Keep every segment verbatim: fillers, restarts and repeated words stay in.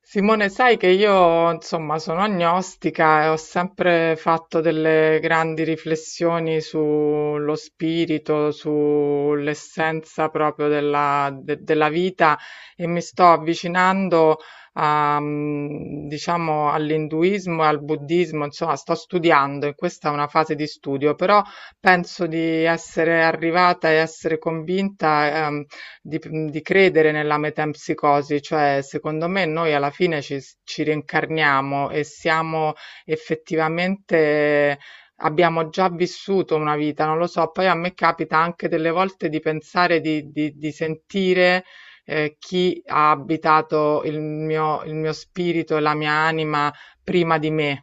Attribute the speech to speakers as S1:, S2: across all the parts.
S1: Simone, sai che io, insomma, sono agnostica e ho sempre fatto delle grandi riflessioni sullo spirito, sull'essenza proprio della, de- della vita e mi sto avvicinando a, mm, diciamo, all'induismo e al buddismo. Insomma, sto studiando e questa è una fase di studio, però penso di essere arrivata e essere convinta, ehm, di, di credere nella metempsicosi. Cioè, secondo me noi alla fine ci, ci rincarniamo e siamo effettivamente, abbiamo già vissuto una vita, non lo so. Poi a me capita anche delle volte di pensare, di, di- di sentire eh, chi ha abitato il mio, il mio spirito e la mia anima prima di me.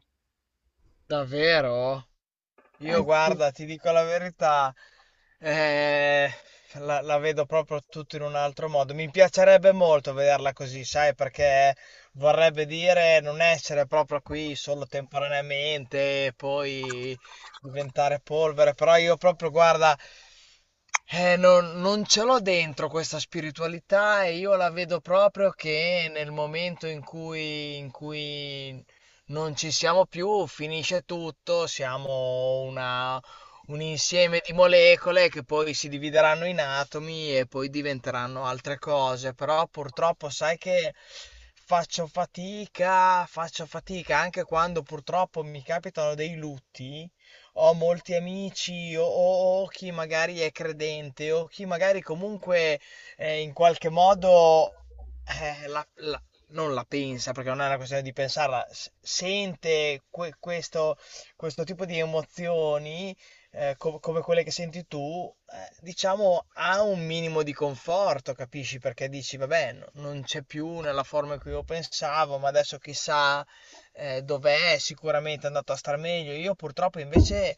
S2: Davvero? Io
S1: Eh sì.
S2: guarda, ti dico la verità, eh, la, la vedo proprio tutto in un altro modo. Mi piacerebbe molto vederla così, sai, perché vorrebbe dire non essere proprio qui solo temporaneamente e poi diventare polvere. Però io proprio, guarda, eh, non, non ce l'ho dentro questa spiritualità e io la vedo proprio che nel momento in cui, in cui non ci siamo più, finisce tutto, siamo una- un insieme di molecole che poi si divideranno in atomi e poi diventeranno altre cose, però purtroppo sai che faccio fatica, faccio fatica anche quando purtroppo mi capitano dei lutti. Ho molti amici o, o- o chi magari è credente o chi magari comunque eh, in qualche modo eh, la, non la pensa, perché non è una questione di pensarla, s- sente que- questo, questo tipo di emozioni, eh, co- come quelle che senti tu, eh, diciamo ha un minimo di conforto, capisci? Perché dici, vabbè, no- non c'è più nella forma in cui io pensavo, ma adesso chissà, eh, dov'è, sicuramente è andato a star meglio. Io purtroppo invece.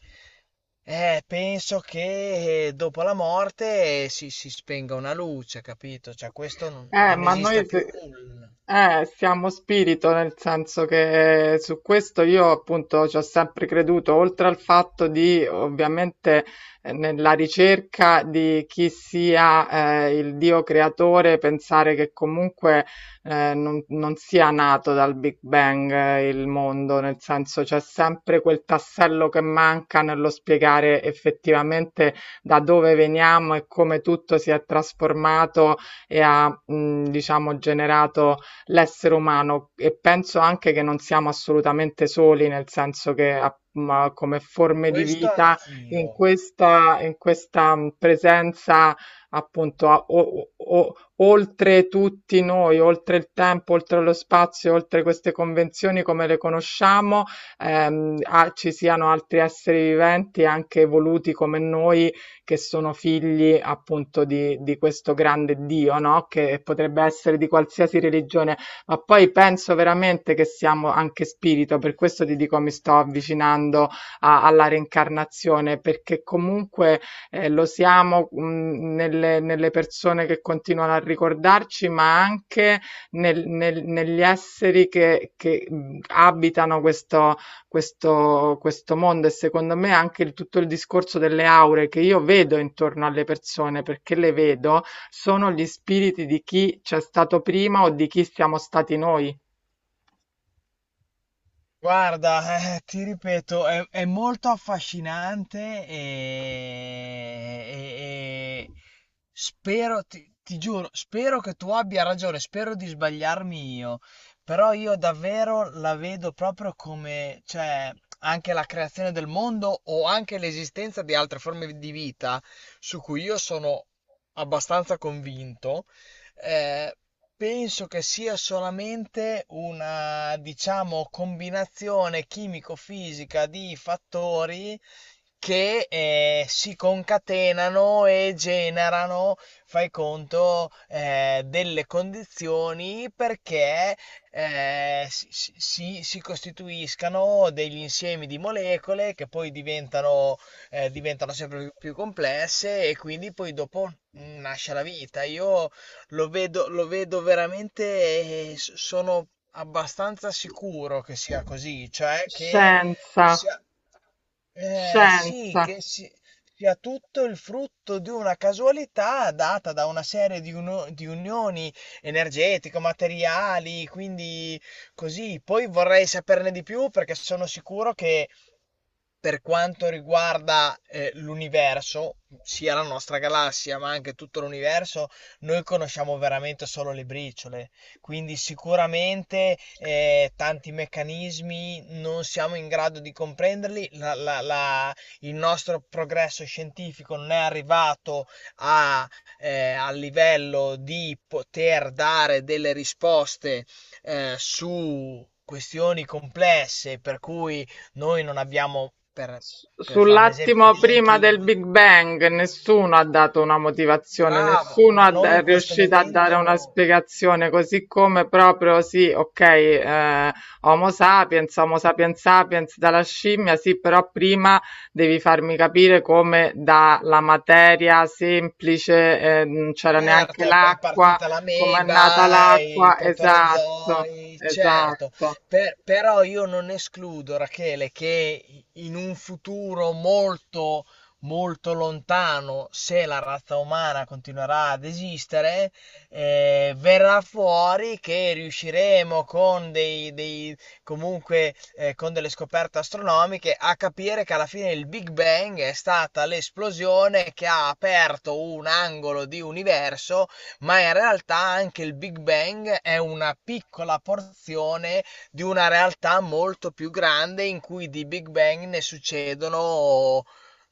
S2: Eh, penso che dopo la morte si, si spenga una luce, capito? Cioè, questo non,
S1: Eh,
S2: non
S1: ma
S2: esista
S1: noi
S2: più
S1: se-
S2: nulla.
S1: eh, siamo spirito, nel senso che su questo io appunto ci ho sempre creduto, oltre al fatto di ovviamente, eh, nella ricerca di chi sia, eh, il Dio creatore. Pensare che comunque eh, non, non sia nato dal Big Bang, eh, il mondo, nel senso c'è sempre quel tassello che manca nello spiegare effettivamente da dove veniamo e come tutto si è trasformato e ha, mh, diciamo, generato l'essere umano. E penso anche che non siamo assolutamente soli, nel senso che app- ma come forme di
S2: Questo
S1: vita in
S2: anch'io.
S1: questa, in questa mh, presenza, appunto a- o- o- o- oltre tutti noi, oltre il tempo, oltre lo spazio, oltre queste convenzioni come le conosciamo, ehm, ah, ci siano altri esseri viventi anche evoluti come noi, che sono figli appunto di, di questo grande Dio, no? Che potrebbe essere di qualsiasi religione. Ma poi penso veramente che siamo anche spirito, per questo ti dico mi sto avvicinando a- alla reincarnazione, perché comunque eh, lo siamo, mh, nelle, nelle persone che continuano a ricordarci, ma anche nel- nel- negli esseri che, che mh, abitano questo, questo, questo mondo. E secondo me anche il- tutto il discorso delle aure che io vedo intorno alle persone, perché le vedo, sono gli spiriti di chi c'è stato prima o di chi siamo stati noi.
S2: Guarda, eh, ti ripeto, è, è molto affascinante e, e- e spero, ti, ti giuro, spero che tu abbia ragione, spero di sbagliarmi io, però io davvero la vedo proprio come, cioè, anche la creazione del mondo o anche l'esistenza di altre forme di vita su cui io sono abbastanza convinto. Ehm, penso che sia solamente una, diciamo, combinazione chimico-fisica di fattori che eh, si concatenano e generano, fai conto, eh, delle condizioni perché eh, si, si- si- si costituiscano degli insiemi di molecole che poi diventano, eh, diventano sempre più, più complesse e quindi poi dopo mm, nasce la vita. Io lo vedo, lo vedo veramente e s- sono abbastanza sicuro che sia così, cioè che
S1: Scienza,
S2: sia, eh, sì,
S1: scienza.
S2: che si- sia tutto il frutto di una casualità data da una serie di, uno- di unioni energetiche, materiali, quindi così. Poi vorrei saperne di più perché sono sicuro che per quanto riguarda eh, l'universo, sia la nostra galassia, ma anche tutto l'universo, noi conosciamo veramente solo le briciole. Quindi sicuramente eh, tanti meccanismi non siamo in grado di comprenderli. La- la- la- il nostro progresso scientifico non è arrivato a, eh, al livello di poter dare delle risposte eh, su questioni complesse, per cui noi non abbiamo, per, per fare un esempio,
S1: Sull'attimo
S2: neanche
S1: prima del
S2: il.
S1: Big Bang nessuno ha dato una motivazione,
S2: Bravo,
S1: nessuno
S2: ma
S1: ha
S2: noi
S1: da- è
S2: in questo
S1: riuscito a dare una
S2: momento,
S1: spiegazione, così come proprio sì, ok, eh, Homo sapiens, Homo sapiens sapiens dalla scimmia, sì, però prima devi farmi capire come dalla materia semplice, eh, non c'era neanche
S2: certo, è è
S1: l'acqua,
S2: partita
S1: come è nata
S2: l'ameba, i
S1: l'acqua, esatto,
S2: protorozoi, certo,
S1: esatto.
S2: per- però io non escludo, Rachele, che in un futuro molto, molto lontano, se la razza umana continuerà ad esistere, eh, verrà fuori che riusciremo con dei, dei comunque eh, con delle scoperte astronomiche, a capire che alla fine il Big Bang è stata l'esplosione che ha aperto un angolo di universo, ma in realtà anche il Big Bang è una piccola porzione di una realtà molto più grande in cui di Big Bang ne succedono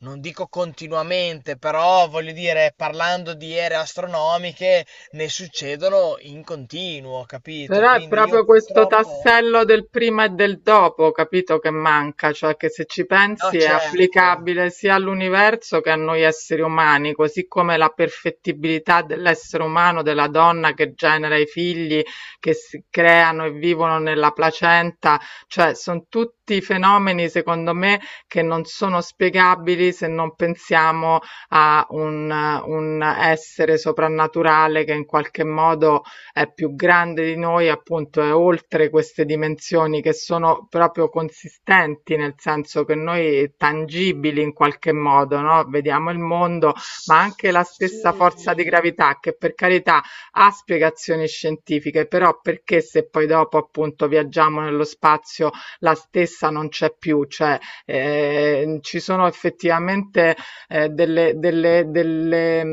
S2: non dico continuamente, però voglio dire, parlando di ere astronomiche, ne succedono in continuo, capito?
S1: Però è
S2: Quindi io
S1: proprio questo
S2: purtroppo.
S1: tassello del prima e del dopo, capito, che manca. Cioè, che se ci
S2: No,
S1: pensi è
S2: certo.
S1: applicabile sia all'universo che a noi esseri umani, così come la perfettibilità dell'essere umano, della donna che genera i figli, che si creano e vivono nella placenta. Cioè, sono tutti fenomeni, secondo me, che non sono spiegabili se non pensiamo a un, un essere soprannaturale che in qualche modo è più grande di noi, appunto è oltre queste dimensioni che sono proprio consistenti, nel senso che noi tangibili in qualche modo, no? Vediamo il mondo, ma anche la stessa forza
S2: Sì,
S1: di gravità, che per carità ha spiegazioni scientifiche, però perché se poi dopo appunto viaggiamo nello spazio la stessa non c'è più. Cioè, eh, ci sono effettivamente. eh, delle, delle, delle,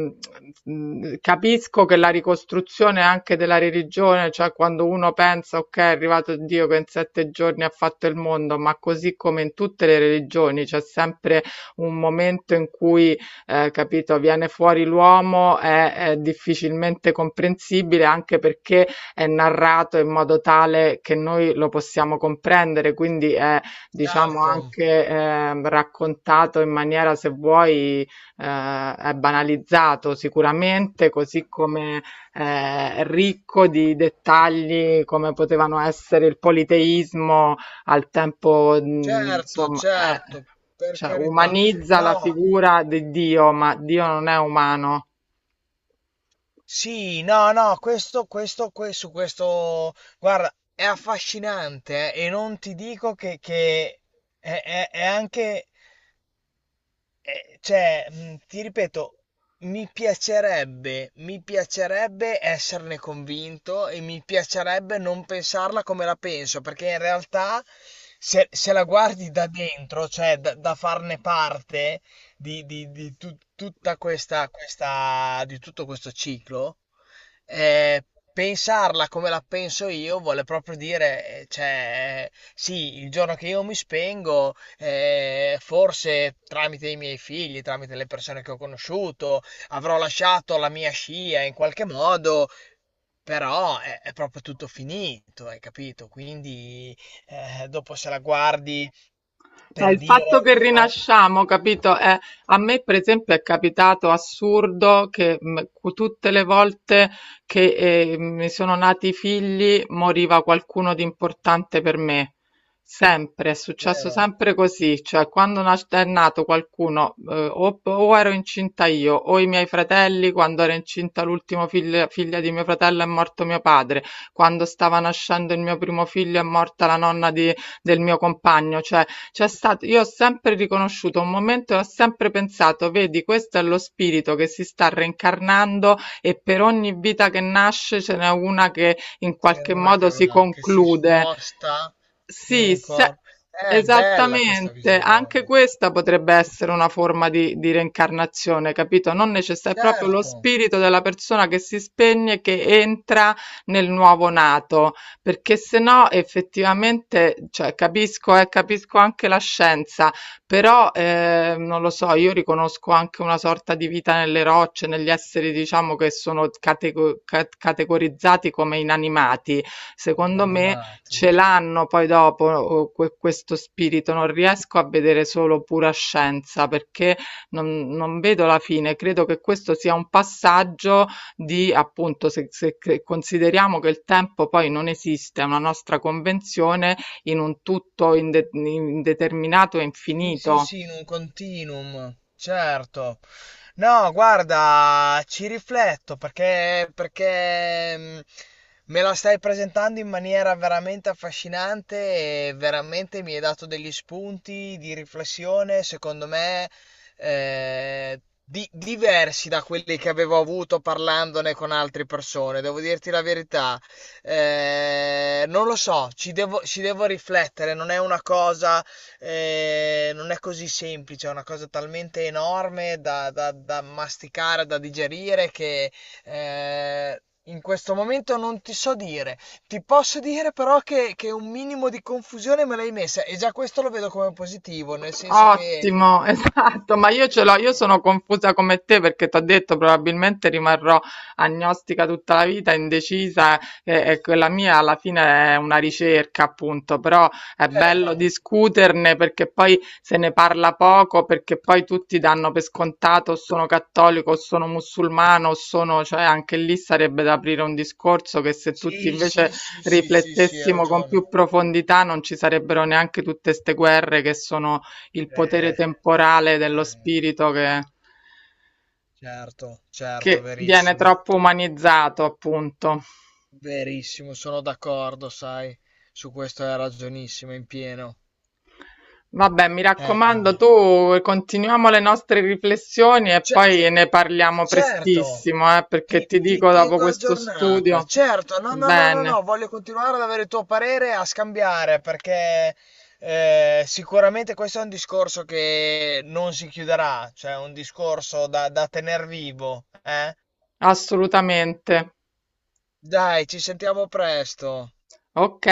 S1: mh, Capisco che la ricostruzione anche della religione, cioè quando uno pensa, ok, è arrivato Dio che in sette giorni ha fatto il mondo, ma così come in tutte le religioni c'è sempre un momento in cui, eh, capito, viene fuori l'uomo, è è difficilmente comprensibile, anche perché è narrato in modo tale che noi lo possiamo comprendere. Quindi è, diciamo
S2: certo,
S1: anche, ehm, raccontato in maniera, se vuoi, ehm, è banalizzato sicuramente, così come eh, ricco di dettagli come potevano essere il politeismo al tempo, mh,
S2: certo,
S1: insomma, eh,
S2: certo, per
S1: cioè,
S2: carità.
S1: umanizza la
S2: No,
S1: figura di Dio, ma Dio non è umano.
S2: sì, no, no, questo, questo, questo, questo, guarda, è affascinante, eh, e non ti dico che, che è, è- è anche. Ehm, cioè, mhmm, ti ripeto, mi piacerebbe mi piacerebbe esserne convinto e mi piacerebbe non pensarla come la penso, perché in realtà se se la guardi da dentro, cioè da da farne parte di di di tu tutta questa questa di tutto questo ciclo, eh, pensarla come la penso io vuole proprio dire, eh, cioè, eh, sì, il giorno che io mi spengo, eh, forse tramite i miei figli, tramite le persone che ho conosciuto, avrò lasciato la mia scia in qualche modo. Però è, è proprio tutto finito, hai capito? Quindi eh, dopo se la guardi
S1: Ma
S2: per
S1: il fatto
S2: dire.
S1: che
S2: Ah,
S1: rinasciamo, capito? Eh, a me, per esempio, è capitato assurdo che mh, cu- tutte le volte che eh, mi sono nati i figli moriva qualcuno di importante per me. Sempre, è successo
S2: vero.
S1: sempre così, cioè quando nas- è nato qualcuno, eh, o, o ero incinta io, o i miei fratelli. Quando ero incinta l'ultimo figlio- figlia di mio fratello è morto mio padre, quando stava nascendo il mio primo figlio è morta la nonna di- del mio compagno. Cioè, c'è stato, io ho sempre riconosciuto un momento e ho sempre pensato, vedi, questo è lo spirito che si sta reincarnando e per ogni vita che nasce ce n'è una che in
S2: Ce n'è
S1: qualche
S2: una
S1: modo
S2: che
S1: si
S2: va, che si
S1: conclude.
S2: sposta in
S1: Sì,
S2: un
S1: se
S2: corpo. È bella questa
S1: esattamente, anche
S2: visione.
S1: questa potrebbe essere una forma di, di reincarnazione, capito? Non necessario, è proprio lo
S2: Certo,
S1: spirito della persona che si spegne, che entra nel nuovo nato, perché se no effettivamente, cioè, capisco, eh, capisco anche la scienza, però eh, non lo so, io riconosco anche una sorta di vita nelle rocce, negli esseri, diciamo, che sono catego- ca- categorizzati come inanimati.
S2: come gli
S1: Secondo me
S2: animati.
S1: ce l'hanno poi dopo que- questo spirito, non riesco a vedere solo pura scienza perché non, non vedo la fine. Credo che questo sia un passaggio di, appunto, se, se che- consideriamo che il tempo poi non esiste, è una nostra convenzione, in un tutto inde- indeterminato e
S2: Sì, sì,
S1: infinito.
S2: sì, in un continuum, certo. No, guarda, ci rifletto perché, perché mm, me la stai presentando in maniera veramente affascinante e veramente mi hai dato degli spunti di riflessione, secondo me, eh, di- diversi da quelli che avevo avuto parlandone con altre persone, devo dirti la verità. Eh, non lo so, ci devo ci devo riflettere, non è una cosa eh, non è così semplice, è una cosa talmente enorme da, da- da masticare, da digerire, che eh, in questo momento non ti so dire. Ti posso dire però che, che un minimo di confusione me l'hai messa e già questo lo vedo come positivo, nel senso che
S1: Ottimo, esatto, ma
S2: vuole
S1: io ce l'ho,
S2: dire
S1: io
S2: che.
S1: sono confusa come te, perché ti ho detto probabilmente rimarrò agnostica tutta la vita, indecisa, e, e quella mia alla fine è una ricerca, appunto. Però è bello
S2: Certo,
S1: discuterne, perché poi se ne parla poco, perché poi tutti danno per scontato o sono cattolico o sono musulmano o sono, cioè anche lì sarebbe da aprire un discorso che se tutti
S2: sì,
S1: invece
S2: sì, sì, sì, sì, sì, hai
S1: riflettessimo con
S2: ragione.
S1: più profondità non ci sarebbero neanche tutte ste guerre, che sono il potere
S2: Eh,
S1: temporale dello
S2: eh,
S1: spirito che,
S2: certo, certo,
S1: che viene
S2: verissimo.
S1: troppo umanizzato, appunto.
S2: Verissimo, sono d'accordo, sai, su questo hai ragionissimo in pieno.
S1: Vabbè, mi
S2: Eh,
S1: raccomando,
S2: eh,
S1: tu continuiamo le nostre riflessioni e
S2: ce-
S1: poi ne parliamo
S2: certo,
S1: prestissimo, eh, perché
S2: ti,
S1: ti
S2: ti
S1: dico dopo
S2: tengo
S1: questo
S2: aggiornata,
S1: studio.
S2: certo, no, no, no, no,
S1: Bene,
S2: no, voglio continuare ad avere il tuo parere e a scambiare perché eh, sicuramente questo è un discorso che non si chiuderà, cioè è un discorso da, da tener vivo, eh?
S1: assolutamente.
S2: Dai, ci sentiamo presto.
S1: Ok.